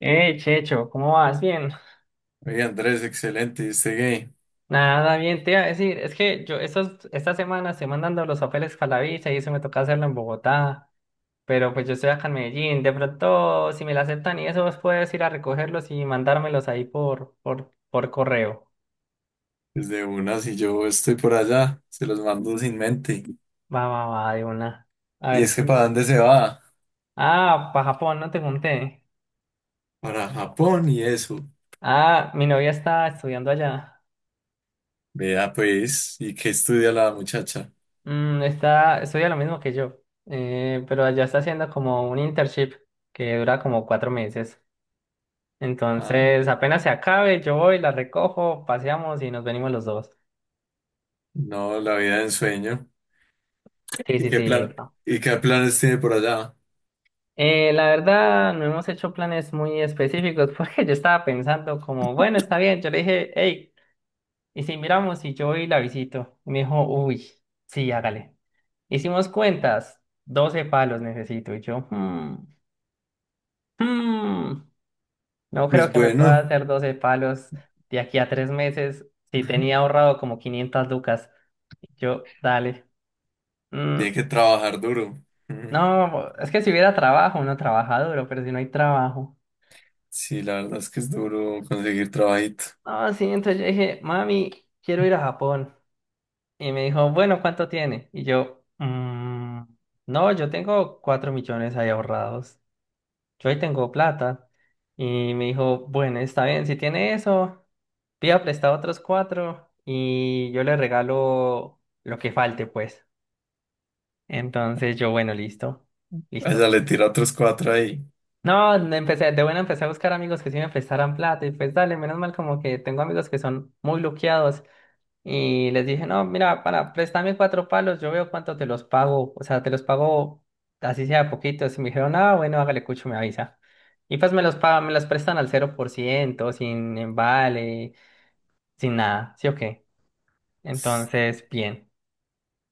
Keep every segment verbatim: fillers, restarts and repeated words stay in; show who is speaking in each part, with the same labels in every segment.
Speaker 1: Eh, Checho, ¿cómo vas? Bien.
Speaker 2: Oye, Andrés, excelente, este gay.
Speaker 1: Nada, bien, te iba a decir, es que yo estas esta semana estoy mandando los papeles para la visa y eso me toca hacerlo en Bogotá, pero pues yo estoy acá en Medellín, de pronto si me la aceptan y eso vos puedes ir a recogerlos y mandármelos ahí por, por, por correo.
Speaker 2: Desde una, si yo estoy por allá, se los mando sin mente.
Speaker 1: Va, va, va, de una. A
Speaker 2: Y
Speaker 1: ver
Speaker 2: es que
Speaker 1: si...
Speaker 2: ¿para dónde se va?
Speaker 1: Ah, para Japón, no te conté.
Speaker 2: Para Japón y eso.
Speaker 1: Ah, mi novia está estudiando allá.
Speaker 2: Vea, pues, ¿y qué estudia la muchacha?
Speaker 1: Mm, está, estudia lo mismo que yo, eh, pero allá está haciendo como un internship que dura como cuatro meses.
Speaker 2: Ah,
Speaker 1: Entonces, apenas se acabe, yo voy, la recojo, paseamos y nos venimos los dos.
Speaker 2: no, la vida de ensueño.
Speaker 1: Sí,
Speaker 2: ¿Y
Speaker 1: sí,
Speaker 2: qué
Speaker 1: sí.
Speaker 2: plan,
Speaker 1: Epa.
Speaker 2: y qué planes tiene por allá?
Speaker 1: Eh, la verdad, no hemos hecho planes muy específicos porque yo estaba pensando como, bueno, está bien. Yo le dije, hey, ¿y si miramos y yo voy y la visito? Y me dijo, uy, sí, hágale. Hicimos cuentas, doce palos necesito. Y yo, "Hmm, hmm, no creo
Speaker 2: Pues
Speaker 1: que me pueda
Speaker 2: bueno,
Speaker 1: hacer doce palos de aquí a tres meses si tenía ahorrado como quinientas lucas. Y yo, dale. hmm,
Speaker 2: tiene que trabajar duro. Ujú.
Speaker 1: No, es que si hubiera trabajo, uno trabaja duro, pero si no hay trabajo.
Speaker 2: Sí, la verdad es que es duro conseguir trabajito.
Speaker 1: No, sí, entonces yo dije, mami, quiero ir a Japón. Y me dijo, bueno, ¿cuánto tiene? Y yo, "Mm, no, yo tengo cuatro millones ahí ahorrados. Yo ahí tengo plata. Y me dijo, bueno, está bien, si tiene eso, pida prestado otros cuatro y yo le regalo lo que falte, pues. Entonces yo, bueno, listo, listo.
Speaker 2: Allá le tira otros cuatro ahí.
Speaker 1: No, no empecé, de buena empecé a buscar amigos que sí me prestaran plata y pues dale, menos mal como que tengo amigos que son muy luqueados y les dije, no, mira, para prestarme cuatro palos, yo veo cuánto te los pago, o sea, te los pago así sea poquito, y me dijeron, ah, bueno, hágale cucho, me avisa. Y pues me los pagan, me los prestan al cero por ciento sin embale, sin nada, ¿sí o qué? Entonces, bien.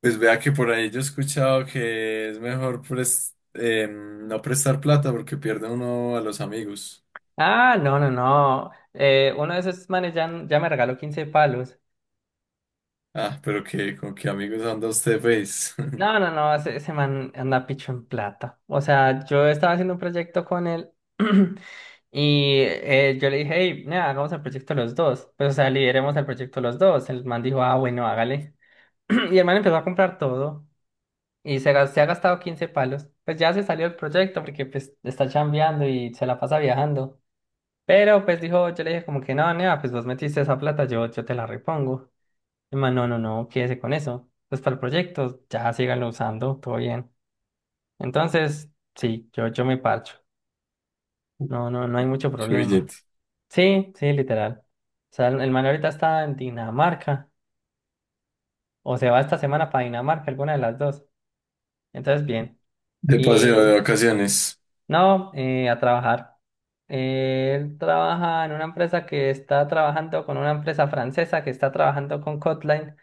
Speaker 2: Pues vea que por ahí yo he escuchado que es mejor pres- em, no prestar plata porque pierde uno a los amigos.
Speaker 1: Ah, no, no, no, eh, uno de esos manes ya, ya me regaló quince palos.
Speaker 2: Ah, pero que con qué amigos anda usted, pues.
Speaker 1: No, no, no, ese, ese man anda picho en plata. O sea, yo estaba haciendo un proyecto con él y eh, yo le dije, hey, nada, hagamos el proyecto los dos. Pues, o sea, lideremos el proyecto los dos. El man dijo, ah, bueno, hágale. Y el man empezó a comprar todo y se, gas- se ha gastado quince palos. Pues ya se salió del proyecto porque pues está chambeando y se la pasa viajando. Pero pues dijo, yo le dije como que no, nea, pues vos metiste esa plata, yo, yo te la repongo. El man, no, no, no, quédese con eso. Pues para el proyecto, ya síganlo usando, todo bien. Entonces, sí, yo, yo me parcho. No, no, no hay mucho
Speaker 2: Mucho
Speaker 1: problema.
Speaker 2: billete.
Speaker 1: Sí, sí, literal. O sea, el man ahorita está en Dinamarca. O se va esta semana para Dinamarca, alguna de las dos. Entonces, bien.
Speaker 2: De paseo de
Speaker 1: Y
Speaker 2: vacaciones.
Speaker 1: no, eh, a trabajar. Él trabaja en una empresa que está trabajando con una empresa francesa que está trabajando con Kotline,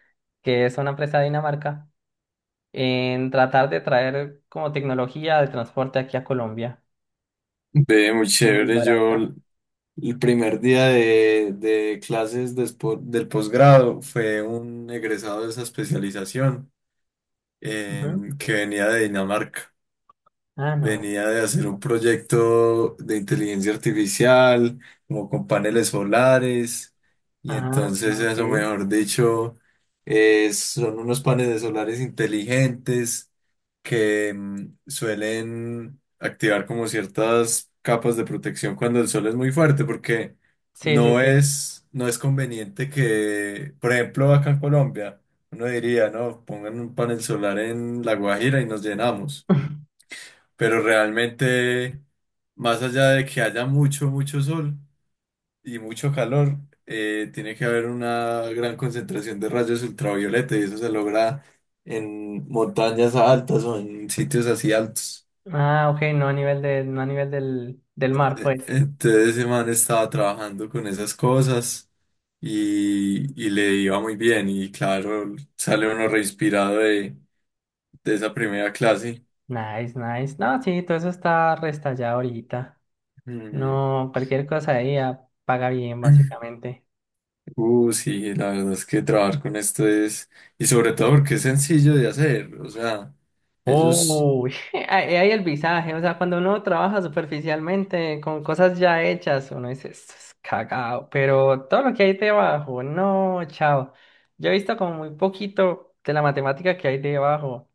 Speaker 1: que es una empresa de Dinamarca, en tratar de traer como tecnología de transporte aquí a Colombia.
Speaker 2: Ve, muy
Speaker 1: Muy
Speaker 2: chévere. Yo
Speaker 1: barata.
Speaker 2: l- el primer día de, de clases despo- del posgrado fue un egresado de esa especialización
Speaker 1: Ujú.
Speaker 2: em, que venía de Dinamarca.
Speaker 1: Ah, no.
Speaker 2: Venía de hacer un proyecto de inteligencia artificial, como con paneles solares, y
Speaker 1: Ah,
Speaker 2: entonces
Speaker 1: ah, ok.
Speaker 2: eso, mejor dicho, es- son unos paneles solares inteligentes que mm, suelen activar como ciertas capas de protección cuando el sol es muy fuerte, porque
Speaker 1: Sí, sí,
Speaker 2: no
Speaker 1: sí.
Speaker 2: es, no es conveniente que, por ejemplo, acá en Colombia, uno diría, no, pongan un panel solar en La Guajira y nos llenamos, pero realmente, más allá de que haya mucho, mucho sol y mucho calor, eh, tiene que haber una gran concentración de rayos ultravioleta y eso se logra en montañas altas o en sitios así altos.
Speaker 1: Ah, ok, no a nivel de, no a nivel del, del mar,
Speaker 2: E-
Speaker 1: pues.
Speaker 2: Entonces ese man estaba trabajando con esas cosas y, y le iba muy bien y claro, sale uno reinspirado de, de esa primera clase.
Speaker 1: Nice, nice. No, sí, todo eso está restallado ahorita.
Speaker 2: Mm.
Speaker 1: No, cualquier cosa ahí ah, paga bien, básicamente.
Speaker 2: Uh, sí, la verdad es que trabajar con esto es, y sobre todo porque es sencillo de hacer, o sea, ellos,
Speaker 1: Oh, ahí hay el visaje. O sea, cuando uno trabaja superficialmente con cosas ya hechas, uno dice, esto es cagado. Pero todo lo que hay debajo, no, chao. Yo he visto como muy poquito de la matemática que hay debajo.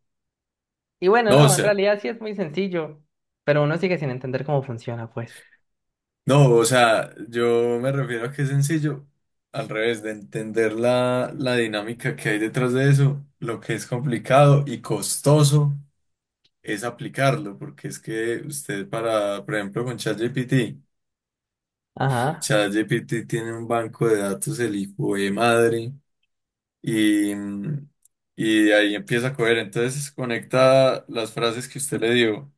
Speaker 1: Y bueno,
Speaker 2: no, o
Speaker 1: no, en
Speaker 2: sea,
Speaker 1: realidad sí es muy sencillo, pero uno sigue sin entender cómo funciona, pues.
Speaker 2: no, o sea, yo me refiero a que es sencillo, al revés, de entender la, la dinámica que hay detrás de eso, lo que es complicado y costoso es aplicarlo, porque es que usted para, por ejemplo, con ChatGPT,
Speaker 1: Ajá,
Speaker 2: ChatGPT tiene un banco de datos, el hijo de madre y, y ahí empieza a coger. Entonces conecta las frases que usted le dio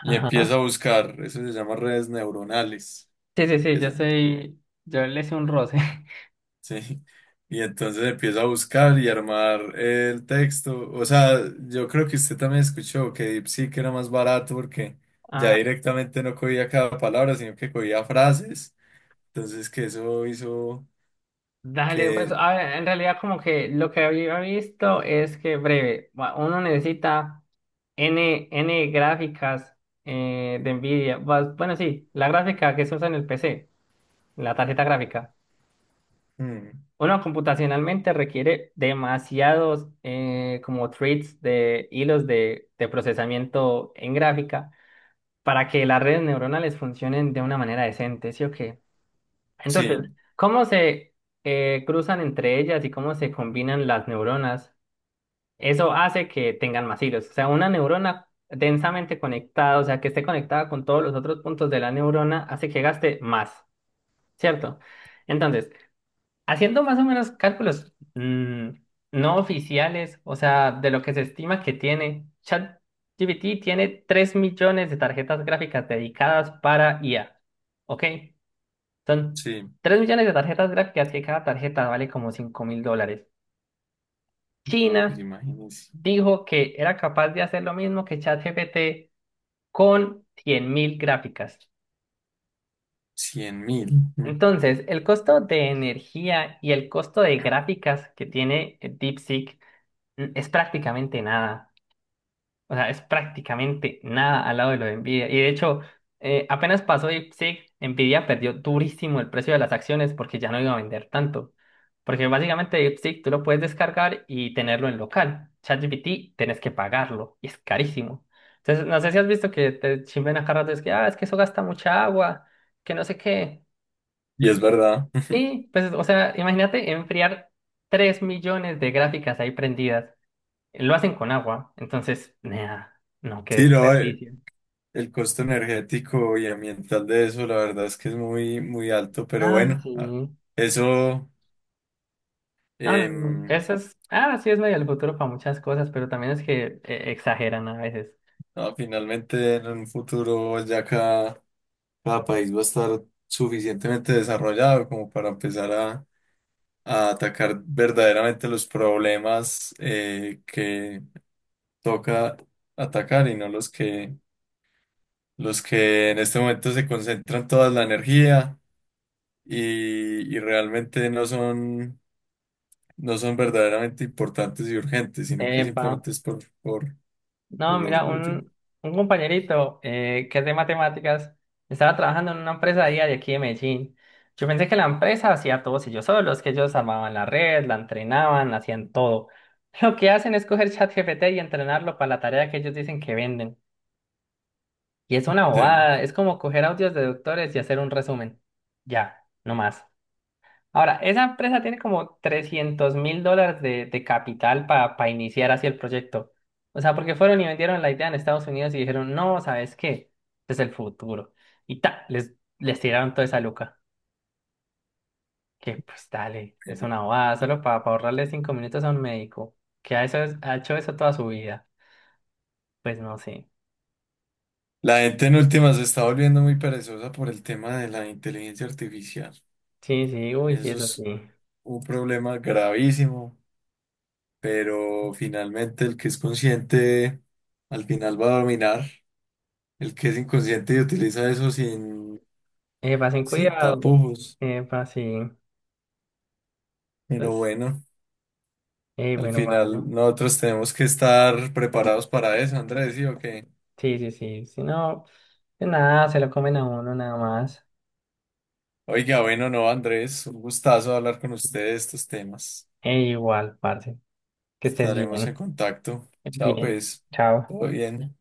Speaker 2: y
Speaker 1: ajá.
Speaker 2: empieza a buscar. Eso se llama redes neuronales.
Speaker 1: Sí, sí, sí, yo
Speaker 2: Esa,
Speaker 1: soy, yo le hice un roce.
Speaker 2: sí. Y entonces empieza a buscar y armar el texto. O sea, yo creo que usted también escuchó que DeepSeek era más barato porque ya
Speaker 1: Ah,
Speaker 2: directamente no cogía cada palabra, sino que cogía frases. Entonces que eso hizo
Speaker 1: dale, pues,
Speaker 2: que...
Speaker 1: a ver, en realidad como que lo que había visto es que breve, va, uno necesita N, N gráficas eh, de NVIDIA. Vas- Bueno, sí, la gráfica que se usa en el P C, la tarjeta gráfica.
Speaker 2: Mm,
Speaker 1: Uno computacionalmente requiere demasiados eh, como threads de hilos de, de procesamiento en gráfica para que las redes neuronales funcionen de una manera decente, ¿sí o qué? Entonces,
Speaker 2: sí,
Speaker 1: ¿cómo se eh, cruzan entre ellas y cómo se combinan las neuronas? Eso hace que tengan más hilos. O sea, una neurona densamente conectada, o sea, que esté conectada con todos los otros puntos de la neurona, hace que gaste más, ¿cierto? Entonces, haciendo más o menos cálculos mm, no oficiales, o sea, de lo que se estima que tiene, ChatGPT tiene tres millones de tarjetas gráficas dedicadas para I A. ¿Ok? Son
Speaker 2: sí.
Speaker 1: tres millones de tarjetas gráficas que cada tarjeta vale como cinco mil dólares.
Speaker 2: No, pues
Speaker 1: China
Speaker 2: imagínese.
Speaker 1: dijo que era capaz de hacer lo mismo que ChatGPT con cien mil gráficas.
Speaker 2: Cien mil. Mm.
Speaker 1: Entonces, el costo de energía y el costo de gráficas que tiene eh, DeepSeek es prácticamente nada. O sea, es prácticamente nada al lado de lo de Nvidia. Y de hecho, eh, apenas pasó DeepSeek sí, Nvidia perdió durísimo el precio de las acciones porque ya no iba a vender tanto. Porque básicamente DeepSeek tú lo puedes descargar y tenerlo en local. ChatGPT tenés que pagarlo y es carísimo. Entonces, no sé si has visto que te chimben a cada rato, es que, ah, es que eso gasta mucha agua, que no sé qué.
Speaker 2: Y es verdad.
Speaker 1: Sí, pues, o sea, imagínate enfriar tres millones de gráficas ahí prendidas. Lo hacen con agua, entonces, nea, no, qué
Speaker 2: Sí, no, eh,
Speaker 1: desperdicio.
Speaker 2: el costo energético y ambiental de eso, la verdad es que es muy, muy alto, pero
Speaker 1: Ah,
Speaker 2: bueno,
Speaker 1: sí.
Speaker 2: ah, eso
Speaker 1: No, no, no.
Speaker 2: em,
Speaker 1: Eso es, ah, sí es medio el futuro para muchas cosas, pero también es que eh, exageran a veces.
Speaker 2: no, finalmente en un futuro ya cada, cada país va a estar suficientemente desarrollado como para empezar a, a atacar verdaderamente los problemas eh, que toca atacar y no los que, los que en este momento se concentran toda la energía. Y, y realmente no son, no son verdaderamente importantes y urgentes, sino que
Speaker 1: Epa.
Speaker 2: simplemente es por, por,
Speaker 1: No,
Speaker 2: por
Speaker 1: mira,
Speaker 2: orgullo.
Speaker 1: un, un compañerito eh, que es de matemáticas estaba trabajando en una empresa día de aquí de Medellín. Yo pensé que la empresa hacía todos ellos solos, que ellos armaban la red, la entrenaban, hacían todo. Lo que hacen es coger ChatGPT y entrenarlo para la tarea que ellos dicen que venden. Y es una
Speaker 2: Sí,
Speaker 1: bobada, es como coger audios de doctores y hacer un resumen. Ya, no más. Ahora, esa empresa tiene como trescientos mil dólares de, de capital para iniciar así el proyecto. O sea, porque fueron y vendieron la idea en Estados Unidos y dijeron, no, ¿sabes qué? Este es el futuro. Y ta, les, les tiraron toda esa luca. Que pues dale, es
Speaker 2: bueno.
Speaker 1: una bobada, solo para ahorrarle cinco minutos a un médico, que ha, eso, ha hecho eso toda su vida. Pues no sé.
Speaker 2: La gente en últimas se está volviendo muy perezosa por el tema de la inteligencia artificial.
Speaker 1: Sí, sí, uy, sí,
Speaker 2: Eso
Speaker 1: eso sí.
Speaker 2: es un problema gravísimo, pero finalmente el que es consciente al final va a dominar. El que es inconsciente y utiliza eso sin,
Speaker 1: Epa, sin
Speaker 2: sin
Speaker 1: cuidado.
Speaker 2: tapujos.
Speaker 1: Epa, sí.
Speaker 2: Pero
Speaker 1: Entonces,
Speaker 2: bueno.
Speaker 1: eh,
Speaker 2: Al
Speaker 1: bueno,
Speaker 2: final,
Speaker 1: guardo.
Speaker 2: nosotros tenemos que estar preparados para eso, Andrés, ¿sí o qué?
Speaker 1: Sí, sí, sí. Si no, de nada, se lo comen a uno nada más.
Speaker 2: Oiga, bueno, no, Andrés, un gustazo hablar con ustedes de estos temas.
Speaker 1: Eh, igual, parce. Que estés
Speaker 2: Estaremos en
Speaker 1: bien.
Speaker 2: contacto. Chao,
Speaker 1: Bien.
Speaker 2: pues.
Speaker 1: Chao.
Speaker 2: Todo bien.